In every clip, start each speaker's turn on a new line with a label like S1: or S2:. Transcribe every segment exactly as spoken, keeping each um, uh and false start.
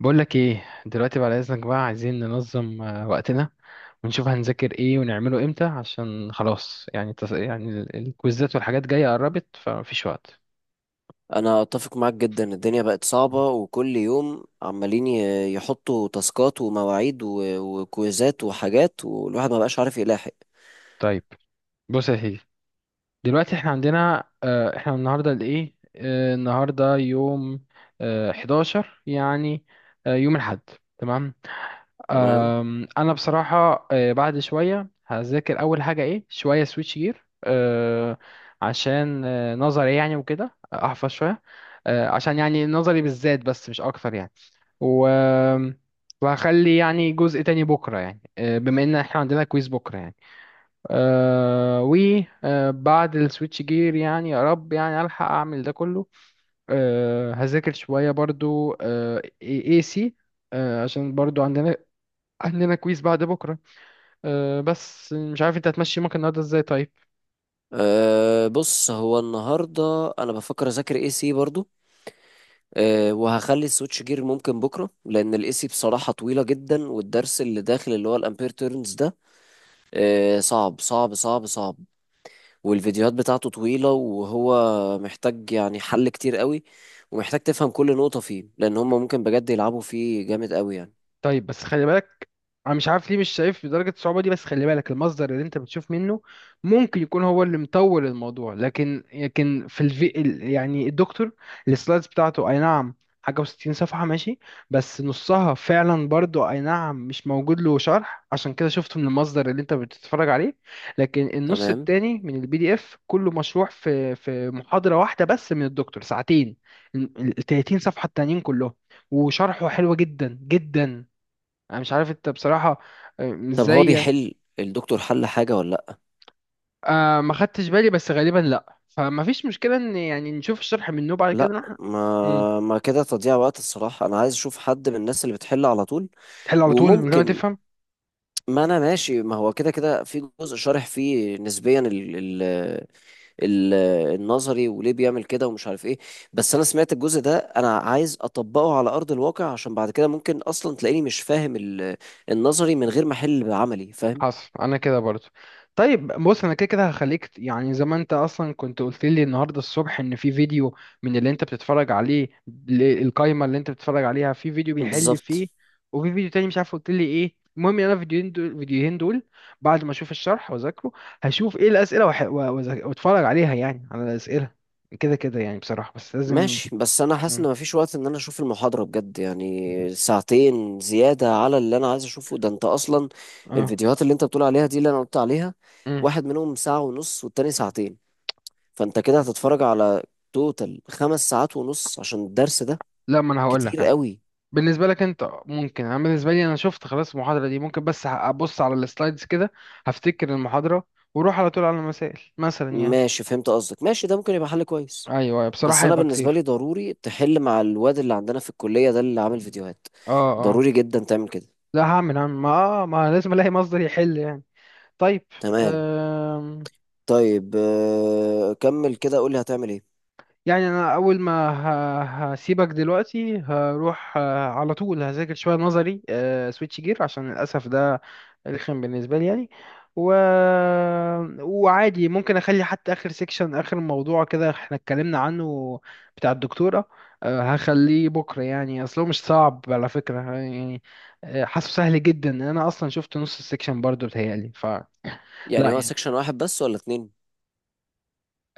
S1: بقول لك ايه دلوقتي بعد اذنك بقى عايزين ننظم آه، وقتنا ونشوف هنذاكر ايه ونعمله امتى عشان خلاص يعني تص... يعني ال- الكويزات والحاجات جايه قربت فمفيش وقت.
S2: انا اتفق معاك جدا. الدنيا بقت صعبة وكل يوم عمالين ي- يحطوا تاسكات ومواعيد و- وكويزات وحاجات، والواحد ما بقاش عارف يلاحق.
S1: طيب. بص يا سيدي، دلوقتي احنا عندنا، آه، احنا النهارده الايه آه، النهارده يوم، آه، حداشر يعني، آه، يوم الاحد. تمام.
S2: تمام.
S1: أم، انا بصراحه آه، بعد شويه هذاكر اول حاجه ايه شويه سويتش جير، أه، عشان آه، نظري يعني وكده احفظ شويه. أه، عشان يعني نظري بالذات بس مش اكتر يعني. و وهخلي يعني جزء تاني بكره يعني، أه، بما ان احنا عندنا كويز بكره يعني. أه، و أه، بعد السويتش جير يعني يا رب يعني الحق اعمل ده كله. أه، هذاكر شويه برضو أه اي سي عشان برضو عندنا عندنا كويس بعد بكرة. أه بس مش عارف انت هتمشي يومك النهاردة ازاي؟ طيب.
S2: أه بص، هو النهاردة انا بفكر اذاكر اي سي برضو. أه وهخلي السويتش جير ممكن بكرة، لان الاي سي بصراحة طويلة جدا، والدرس اللي داخل اللي هو الامبير تيرنز ده أه صعب صعب صعب صعب. والفيديوهات بتاعته طويلة، وهو محتاج يعني حل كتير قوي، ومحتاج تفهم كل نقطة فيه، لأن هم ممكن بجد يلعبوا فيه جامد قوي يعني.
S1: طيب بس خلي بالك، انا مش عارف ليه مش شايف بدرجه الصعوبه دي، بس خلي بالك المصدر اللي انت بتشوف منه ممكن يكون هو اللي مطول الموضوع. لكن لكن في الفي ال- يعني الدكتور السلايدز بتاعته، اي نعم، حاجه وستين صفحه ماشي، بس نصها فعلا برضو اي نعم مش موجود له شرح، عشان كده شفته من المصدر اللي انت بتتفرج عليه. لكن النص
S2: تمام.
S1: التاني من البي دي اف كله مشروح في في محاضره واحده بس من الدكتور، ساعتين. ال ال- تلاتين صفحه التانيين كلهم، وشرحه حلو جدا جدا. انا مش عارف انت بصراحة آه،
S2: طب هو
S1: ازاي يعني.
S2: بيحل الدكتور حل حاجة ولا لأ؟
S1: آه ما خدتش بالي بس غالبا لا، فما فيش مشكلة ان يعني نشوف الشرح منه بعد كده
S2: لأ،
S1: نروح. مم.
S2: ما ما كده تضييع وقت الصراحة. أنا عايز أشوف حد من الناس اللي بتحل على طول.
S1: تحل على طول من غير ما
S2: وممكن،
S1: تفهم.
S2: ما أنا ماشي، ما هو كده كده في جزء شارح فيه نسبيا ال- ال- ال- النظري وليه بيعمل كده ومش عارف ايه. بس انا سمعت الجزء ده، انا عايز اطبقه على ارض الواقع، عشان بعد كده ممكن اصلا تلاقيني مش فاهم ال- النظري من غير ما احل، بعملي فاهم.
S1: حصل انا كده برضو. طيب بص انا كده كده هخليك ت- يعني زي ما انت اصلا كنت قلت لي النهارده الصبح ان في فيديو من اللي انت بتتفرج عليه، ل- القايمه اللي انت بتتفرج عليها، في فيديو بيحل
S2: بالظبط.
S1: فيه، وفي فيديو تاني مش عارف قلت لي ايه. المهم يعني انا الفيديوهين دول الفيديوهين دول بعد ما اشوف الشرح واذاكره هشوف ايه الاسئله وح- و- وأذا- واتفرج عليها يعني على الاسئله كده كده يعني بصراحه، بس لازم.
S2: ماشي بس انا حاسس
S1: مم.
S2: ان مفيش وقت ان انا اشوف المحاضرة بجد، يعني ساعتين زيادة على اللي انا عايز اشوفه ده انت اصلا.
S1: اه.
S2: الفيديوهات اللي انت بتقول عليها دي اللي انا قلت عليها،
S1: مم.
S2: واحد منهم ساعة ونص والتاني ساعتين. فانت كده هتتفرج على توتال خمس ساعات ونص عشان الدرس ده.
S1: لا ما انا هقول
S2: كتير
S1: لك،
S2: قوي.
S1: بالنسبة لك انت ممكن، انا بالنسبة لي انا شفت خلاص المحاضرة دي ممكن بس ه- ابص على السلايدز كده هفتكر المحاضرة واروح على طول على المسائل مثلا يعني.
S2: ماشي، فهمت قصدك. ماشي، ده ممكن يبقى حل كويس.
S1: ايوه ايوه
S2: بس
S1: بصراحة
S2: انا
S1: هيبقى
S2: بالنسبه
S1: كتير.
S2: لي ضروري تحل مع الواد اللي عندنا في الكليه ده اللي عامل فيديوهات.
S1: اه اه.
S2: ضروري جدا تعمل كده.
S1: لا هعمل هعمل ما آه ما لازم الاقي مصدر يحل يعني. طيب.
S2: تمام. طيب آه، كمل كده، قول لي هتعمل ايه.
S1: يعني انا اول ما ه- هسيبك دلوقتي، هروح آه، على طول هذاكر شويه نظري سويتش جير عشان للاسف ده رخم بالنسبه لي يعني. و... وعادي ممكن اخلي حتى اخر سيكشن، اخر موضوع كده احنا اتكلمنا عنه بتاع الدكتوره، آه، هخليه بكره يعني، اصله مش صعب على فكره يعني. آه، حاسه سهل جدا، انا اصلا شفت نص السيكشن برضه بتهيألي فلا.
S2: يعني هو
S1: يعني
S2: سيكشن واحد بس ولا اتنين؟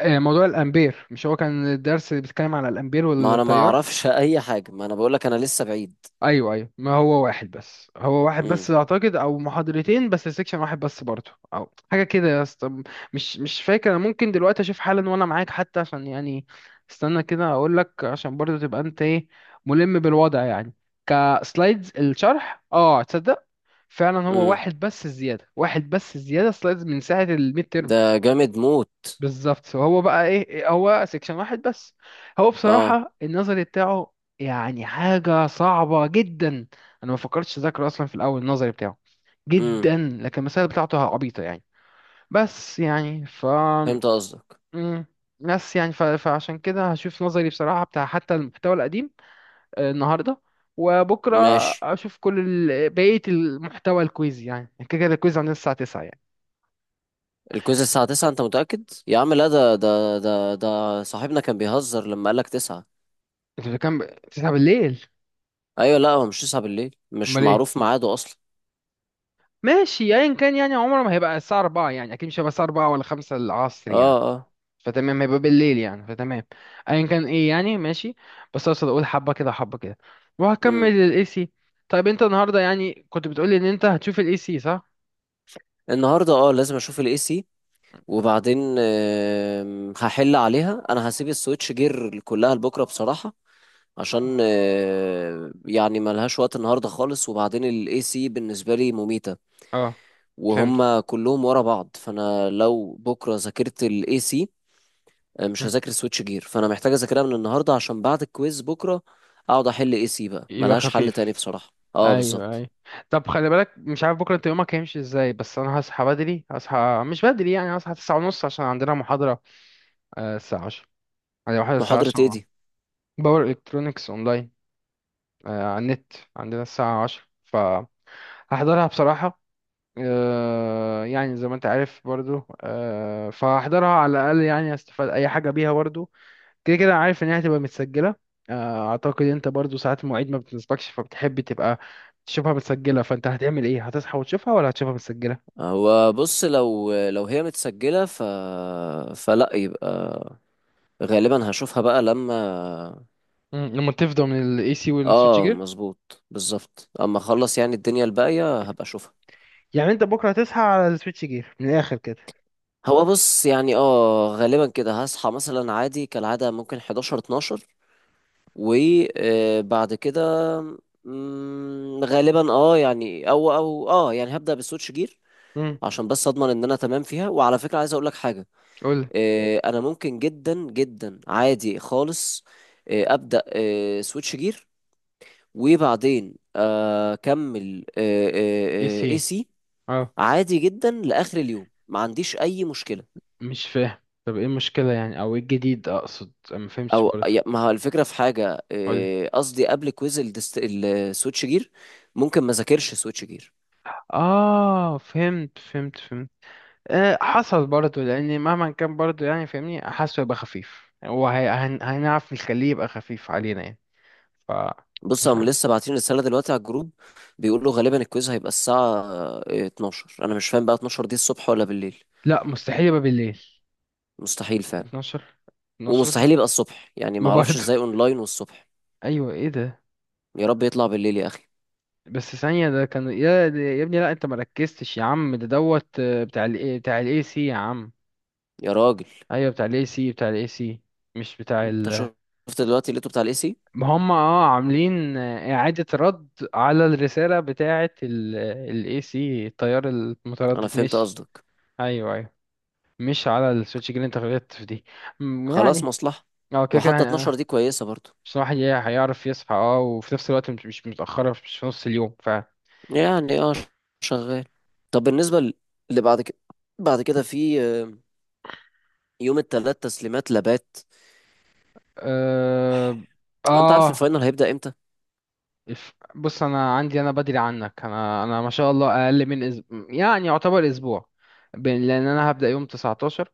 S1: آه، موضوع الامبير، مش هو كان الدرس بيتكلم على الامبير
S2: ما انا ما
S1: والتيار؟
S2: اعرفش اي حاجه، ما انا بقول لك انا لسه بعيد.
S1: ايوه ايوه، ما هو واحد بس، هو واحد بس
S2: امم.
S1: اعتقد، او محاضرتين بس سيكشن واحد بس برضه، او حاجه كده يا اسطى. مش مش فاكر انا، ممكن دلوقتي اشوف حالا وانا معاك حتى عشان يعني استنى كده اقول لك، عشان برضه تبقى انت ايه، ملم بالوضع يعني. كسلايدز الشرح، اه تصدق فعلا هو
S2: امم.
S1: واحد بس، الزياده واحد بس، الزياده سلايدز من ساعه الميد ترم.
S2: ده جامد موت.
S1: بالظبط، هو بقى ايه، هو سيكشن واحد بس. هو
S2: اه.
S1: بصراحة النظري بتاعه يعني حاجة صعبة جدا، انا ما فكرتش اذاكره اصلا في الاول، النظري بتاعه
S2: امم.
S1: جدا. لكن المسائل بتاعته عبيطة يعني. بس يعني ف.
S2: فهمت قصدك.
S1: مم. بس يعني ف... فعشان كده هشوف نظري بصراحة بتاع حتى المحتوى القديم آه، النهاردة وبكرة.
S2: ماشي.
S1: أشوف كل ال... بقية المحتوى، الكويز يعني كده كده الكويز عندنا الساعة تسعة يعني.
S2: الكويز الساعه التاسعة؟ انت متاكد يا عم؟ لا، ده ده ده ده صاحبنا كان بيهزر لما قال لك تسعة.
S1: إنتوا كام؟ تسعة بالليل.
S2: ايوه، لا هو مش تسعة بالليل، مش
S1: أمال إيه؟
S2: معروف ميعاده اصلا.
S1: ماشي ايا كان يعني، عمره ما هيبقى الساعة اربعة يعني، اكيد مش هيبقى الساعة اربعة ولا خمسة العصر
S2: اه،
S1: يعني،
S2: اه.
S1: فتمام هيبقى بالليل يعني فتمام. ايا كان ايه يعني ماشي. بس اقصد اقول حبة كده حبة كده، وهكمل
S2: امم.
S1: الاي سي. طيب انت النهاردة يعني كنت بتقولي ان انت هتشوف الاي سي صح؟
S2: النهارده اه لازم اشوف الاي سي. وبعدين آم، هحل عليها. انا هسيب السويتش جير كلها لبكره بصراحه، عشان آه، يعني ملهاش وقت النهارده خالص. وبعدين الاي سي بالنسبه لي مميته،
S1: اه فهمت.
S2: وهم كلهم ورا بعض. فانا لو بكره ذاكرت الاي سي مش
S1: مم.
S2: هذاكر سويتش جير، فانا محتاج اذاكرها من النهارده. عشان بعد الكويز بكره اقعد احل اي سي، بقى
S1: يبقى
S2: ملهاش حل تاني
S1: خفيف.
S2: بصراحه. اه،
S1: ايوه
S2: بالظبط.
S1: ايوه. طب خلي بالك، مش عارف بكرة انت يومك هيمشي ازاي، بس انا هصحى بدري، هصحى مش بدري يعني، هصحى تسعة ونص ونص عشان عندنا محاضرة آه، الساعة عشرة يعني، محاضرة الساعة
S2: محاضرة ايه
S1: عشرة
S2: دي؟
S1: باور الكترونكس اونلاين، آه، على النت عندنا الساعة عشرة فهحضرها بصراحة. آه، يعني زي ما انت عارف برضو آه، فهحضرها على الأقل يعني استفاد أي حاجة بيها برضو، كده كده عارف إن هي هتبقى متسجلة. آه، أعتقد أنت برضو ساعات المواعيد ما بتنسبكش فبتحب تبقى تشوفها متسجلة، فأنت هتعمل إيه، هتصحى وتشوفها ولا هتشوفها متسجلة؟
S2: هو بص، لو لو هي متسجلة ف فلا يبقى، غالبا هشوفها بقى لما.
S1: مم، لما تفضى من الاي سي والسويتش
S2: اه،
S1: جير.
S2: مظبوط، بالظبط. اما اخلص يعني الدنيا الباقية هبقى اشوفها.
S1: يعني أنت بكرة هتصحى على السويتش جير من الآخر كده.
S2: هو بص يعني، اه غالبا كده هصحى مثلا عادي كالعادة ممكن حداشر اتناشر، وبعد كده مم، غالبا اه يعني او او اه يعني هبدأ بسويتش جير.
S1: امم.
S2: عشان بس اضمن ان انا تمام فيها. وعلى فكرة عايز اقول لك حاجة.
S1: قول.
S2: آه، انا ممكن جدا جدا عادي خالص آه، ابدا آه، سويتش جير وبعدين آه، اكمل
S1: اي سي.
S2: اي سي. عادي جدا لاخر اليوم، ما عنديش اي مشكله.
S1: مش فاهم. طب ايه المشكلة يعني او ايه الجديد اقصد، أنا ما فهمتش
S2: او
S1: برضه.
S2: يا- ما هو الفكره في حاجه،
S1: قولي.
S2: آه، قصدي قبل كويز الدست- السويتش جير ممكن ما ذاكرش سويتش جير.
S1: اه فهمت فهمت فهمت. آه حصل برضه، لان مهما كان برضه يعني فاهمني حاسه يبقى خفيف، وهنعرف نخليه يبقى خفيف علينا يعني. ف.
S2: بص
S1: مش
S2: هم
S1: عارف.
S2: لسه باعتين رساله دلوقتي على الجروب. بيقولوا غالبا الكويز هيبقى الساعه آه، اتناشر. انا مش فاهم بقى اتناشر دي الصبح ولا بالليل؟
S1: لا مستحيل يبقى بالليل.
S2: مستحيل فعلا.
S1: اتناشر.
S2: ومستحيل
S1: اتناشر.
S2: يبقى الصبح، يعني
S1: ما
S2: ما اعرفش
S1: برضه.
S2: ازاي اونلاين والصبح.
S1: ايوه ايه ده؟
S2: يا رب يطلع بالليل يا اخي.
S1: بس ثانية، ده كان يا ده- يا ابني، لا انت مركزتش يا عم، ده دوت آه، بتاع ال بتاع الاي سي يا عم.
S2: يا راجل.
S1: ايوه بتاع الاي سي، بتاع الاي سي، مش بتاع
S2: انت
S1: ال.
S2: شفت دلوقتي اللي بتاع الاي سي.
S1: هم اه عاملين إعادة رد على الرسالة بتاعة ال، ال A C، التيار
S2: انا
S1: المتردد
S2: فهمت
S1: مش.
S2: قصدك.
S1: أيوه أيوه. مش على السويتش جرين، انت غلطت في دي. م-
S2: خلاص،
S1: يعني.
S2: مصلحة.
S1: اه كده كده
S2: وحتى
S1: هن-
S2: اتناشر
S1: آه،
S2: دي كويسة برضو.
S1: مش الواحد هي- هيعرف يصحى اه، وفي نفس الوقت مش مش متأخرة، مش في نص اليوم ف.
S2: يعني اه شغال. طب بالنسبة ل- اللي بعد كده، بعد كده في آه، يوم التلات تسليمات لابات.
S1: اه.
S2: هو انت عارف
S1: آه،
S2: الفاينل هيبدأ امتى؟
S1: الف- بص أنا عندي أنا بدري عنك، أنا أنا ما شاء الله أقل من أسبوع يعني يعتبر أسبوع بين- لأن أنا هبدأ يوم تسعتاشر،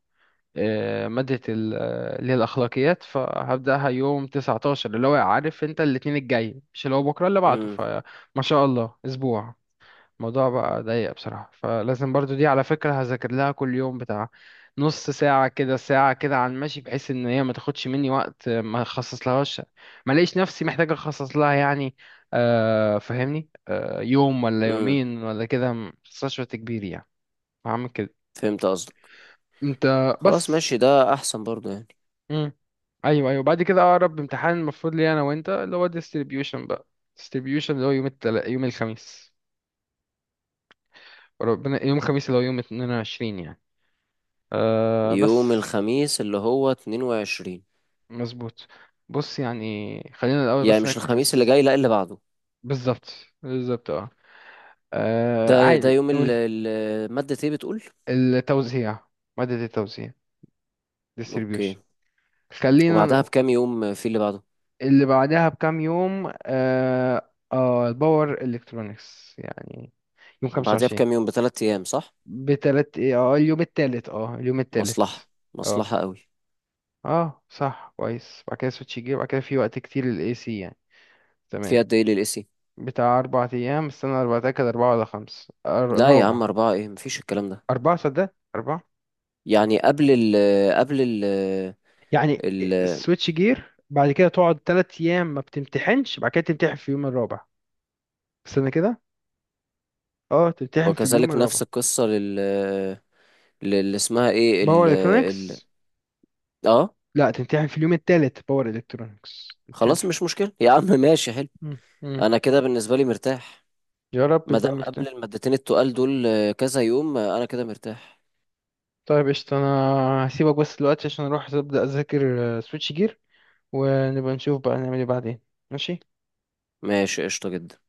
S1: آه، مادة ال- آه، اللي هي الأخلاقيات فهبدأها يوم تسعتاشر، اللي هو عارف أنت الاتنين الجاي مش اللي هو بكرة اللي بعده،
S2: امم.
S1: فما شاء الله أسبوع. الموضوع بقى ضيق بصراحة، فلازم برضو دي على فكرة هذاكر لها كل يوم بتاع نص ساعة كده ساعة كده عن ماشي، بحيث إن هي ما تاخدش مني وقت آه، ما أخصص لهاش، ما لقيش نفسي محتاج أخصص لها يعني، آه، فاهمني، آه، يوم ولا
S2: امم.
S1: يومين ولا كده ما أخصصش وقت كبير يعني. هعمل كده.
S2: فهمت قصدك.
S1: أنت
S2: خلاص،
S1: بس.
S2: ماشي، ده احسن برضو يعني.
S1: امم. ايوه ايوه بعد كده اقرب امتحان المفروض لي انا وانت اللي هو distribution بقى، distribution اللي هو يوم التل... يوم الخميس، ربنا، يوم الخميس اللي هو يوم اتنين وعشرين يعني. آه بس.
S2: يوم الخميس اللي هو اتنين وعشرين
S1: مظبوط. بص يعني خلينا الاول
S2: يعني؟
S1: بس
S2: مش الخميس اللي
S1: نركز.
S2: جاي، لا اللي بعده.
S1: بالظبط. بالظبط اه. آه،
S2: ده ده
S1: عادي
S2: يوم ال-
S1: قولي.
S2: ال- مادة ايه بتقول؟
S1: التوزيع، مادة التوزيع،
S2: اوكي.
S1: distribution. خلينا
S2: وبعدها
S1: ن-
S2: بكام يوم في اللي بعده؟
S1: اللي بعدها بكام يوم اه، آه الباور الكترونكس يعني، يوم
S2: وبعدها
S1: خمسة وعشرين.
S2: بكام يوم بثلاث ايام صح؟
S1: بتلات ايه، اه اليوم التالت، اه اليوم
S2: مصلحة.
S1: التالت. اه
S2: مصلحة قوي.
S1: اه صح كويس، بعد كده سويتش جه، بعد كده في وقت كتير للاي سي يعني.
S2: في
S1: تمام.
S2: قد ايه للاسي؟
S1: بتاع اربع ايام، استنى، اربع، تاكد، اربعة ولا خمس أر-
S2: لا يا
S1: رابع.
S2: عم، اربعة ايه، مفيش الكلام ده.
S1: اربعة، صدق اربعة.
S2: يعني قبل ال، قبل ال،
S1: يعني
S2: ال،
S1: سويتش جير بعد كده تقعد تلات ايام ما بتمتحنش، بعد كده تمتحن في اليوم الرابع. استنى كده. اه تمتحن في اليوم
S2: وكذلك
S1: الرابع
S2: نفس القصة لل، اللي اسمها ايه
S1: باور
S2: ال ال
S1: الكترونكس.
S2: اه.
S1: لا تمتحن في اليوم التالت باور الكترونكس، امتحن
S2: خلاص
S1: في-
S2: مش مشكلة يا عم ماشي حلو.
S1: مم، مم.
S2: انا كده بالنسبة لي مرتاح.
S1: يا رب
S2: ما
S1: يبقى
S2: دام
S1: مرتاح.
S2: قبل المادتين التقال دول كذا يوم انا كده مرتاح.
S1: طيب قشطة، أنا هسيبك بس دلوقتي عشان أروح أبدأ أذاكر سويتش جير، ونبقى نشوف بقى نعمل إيه بعدين. ماشي.
S2: ماشي قشطة جدا.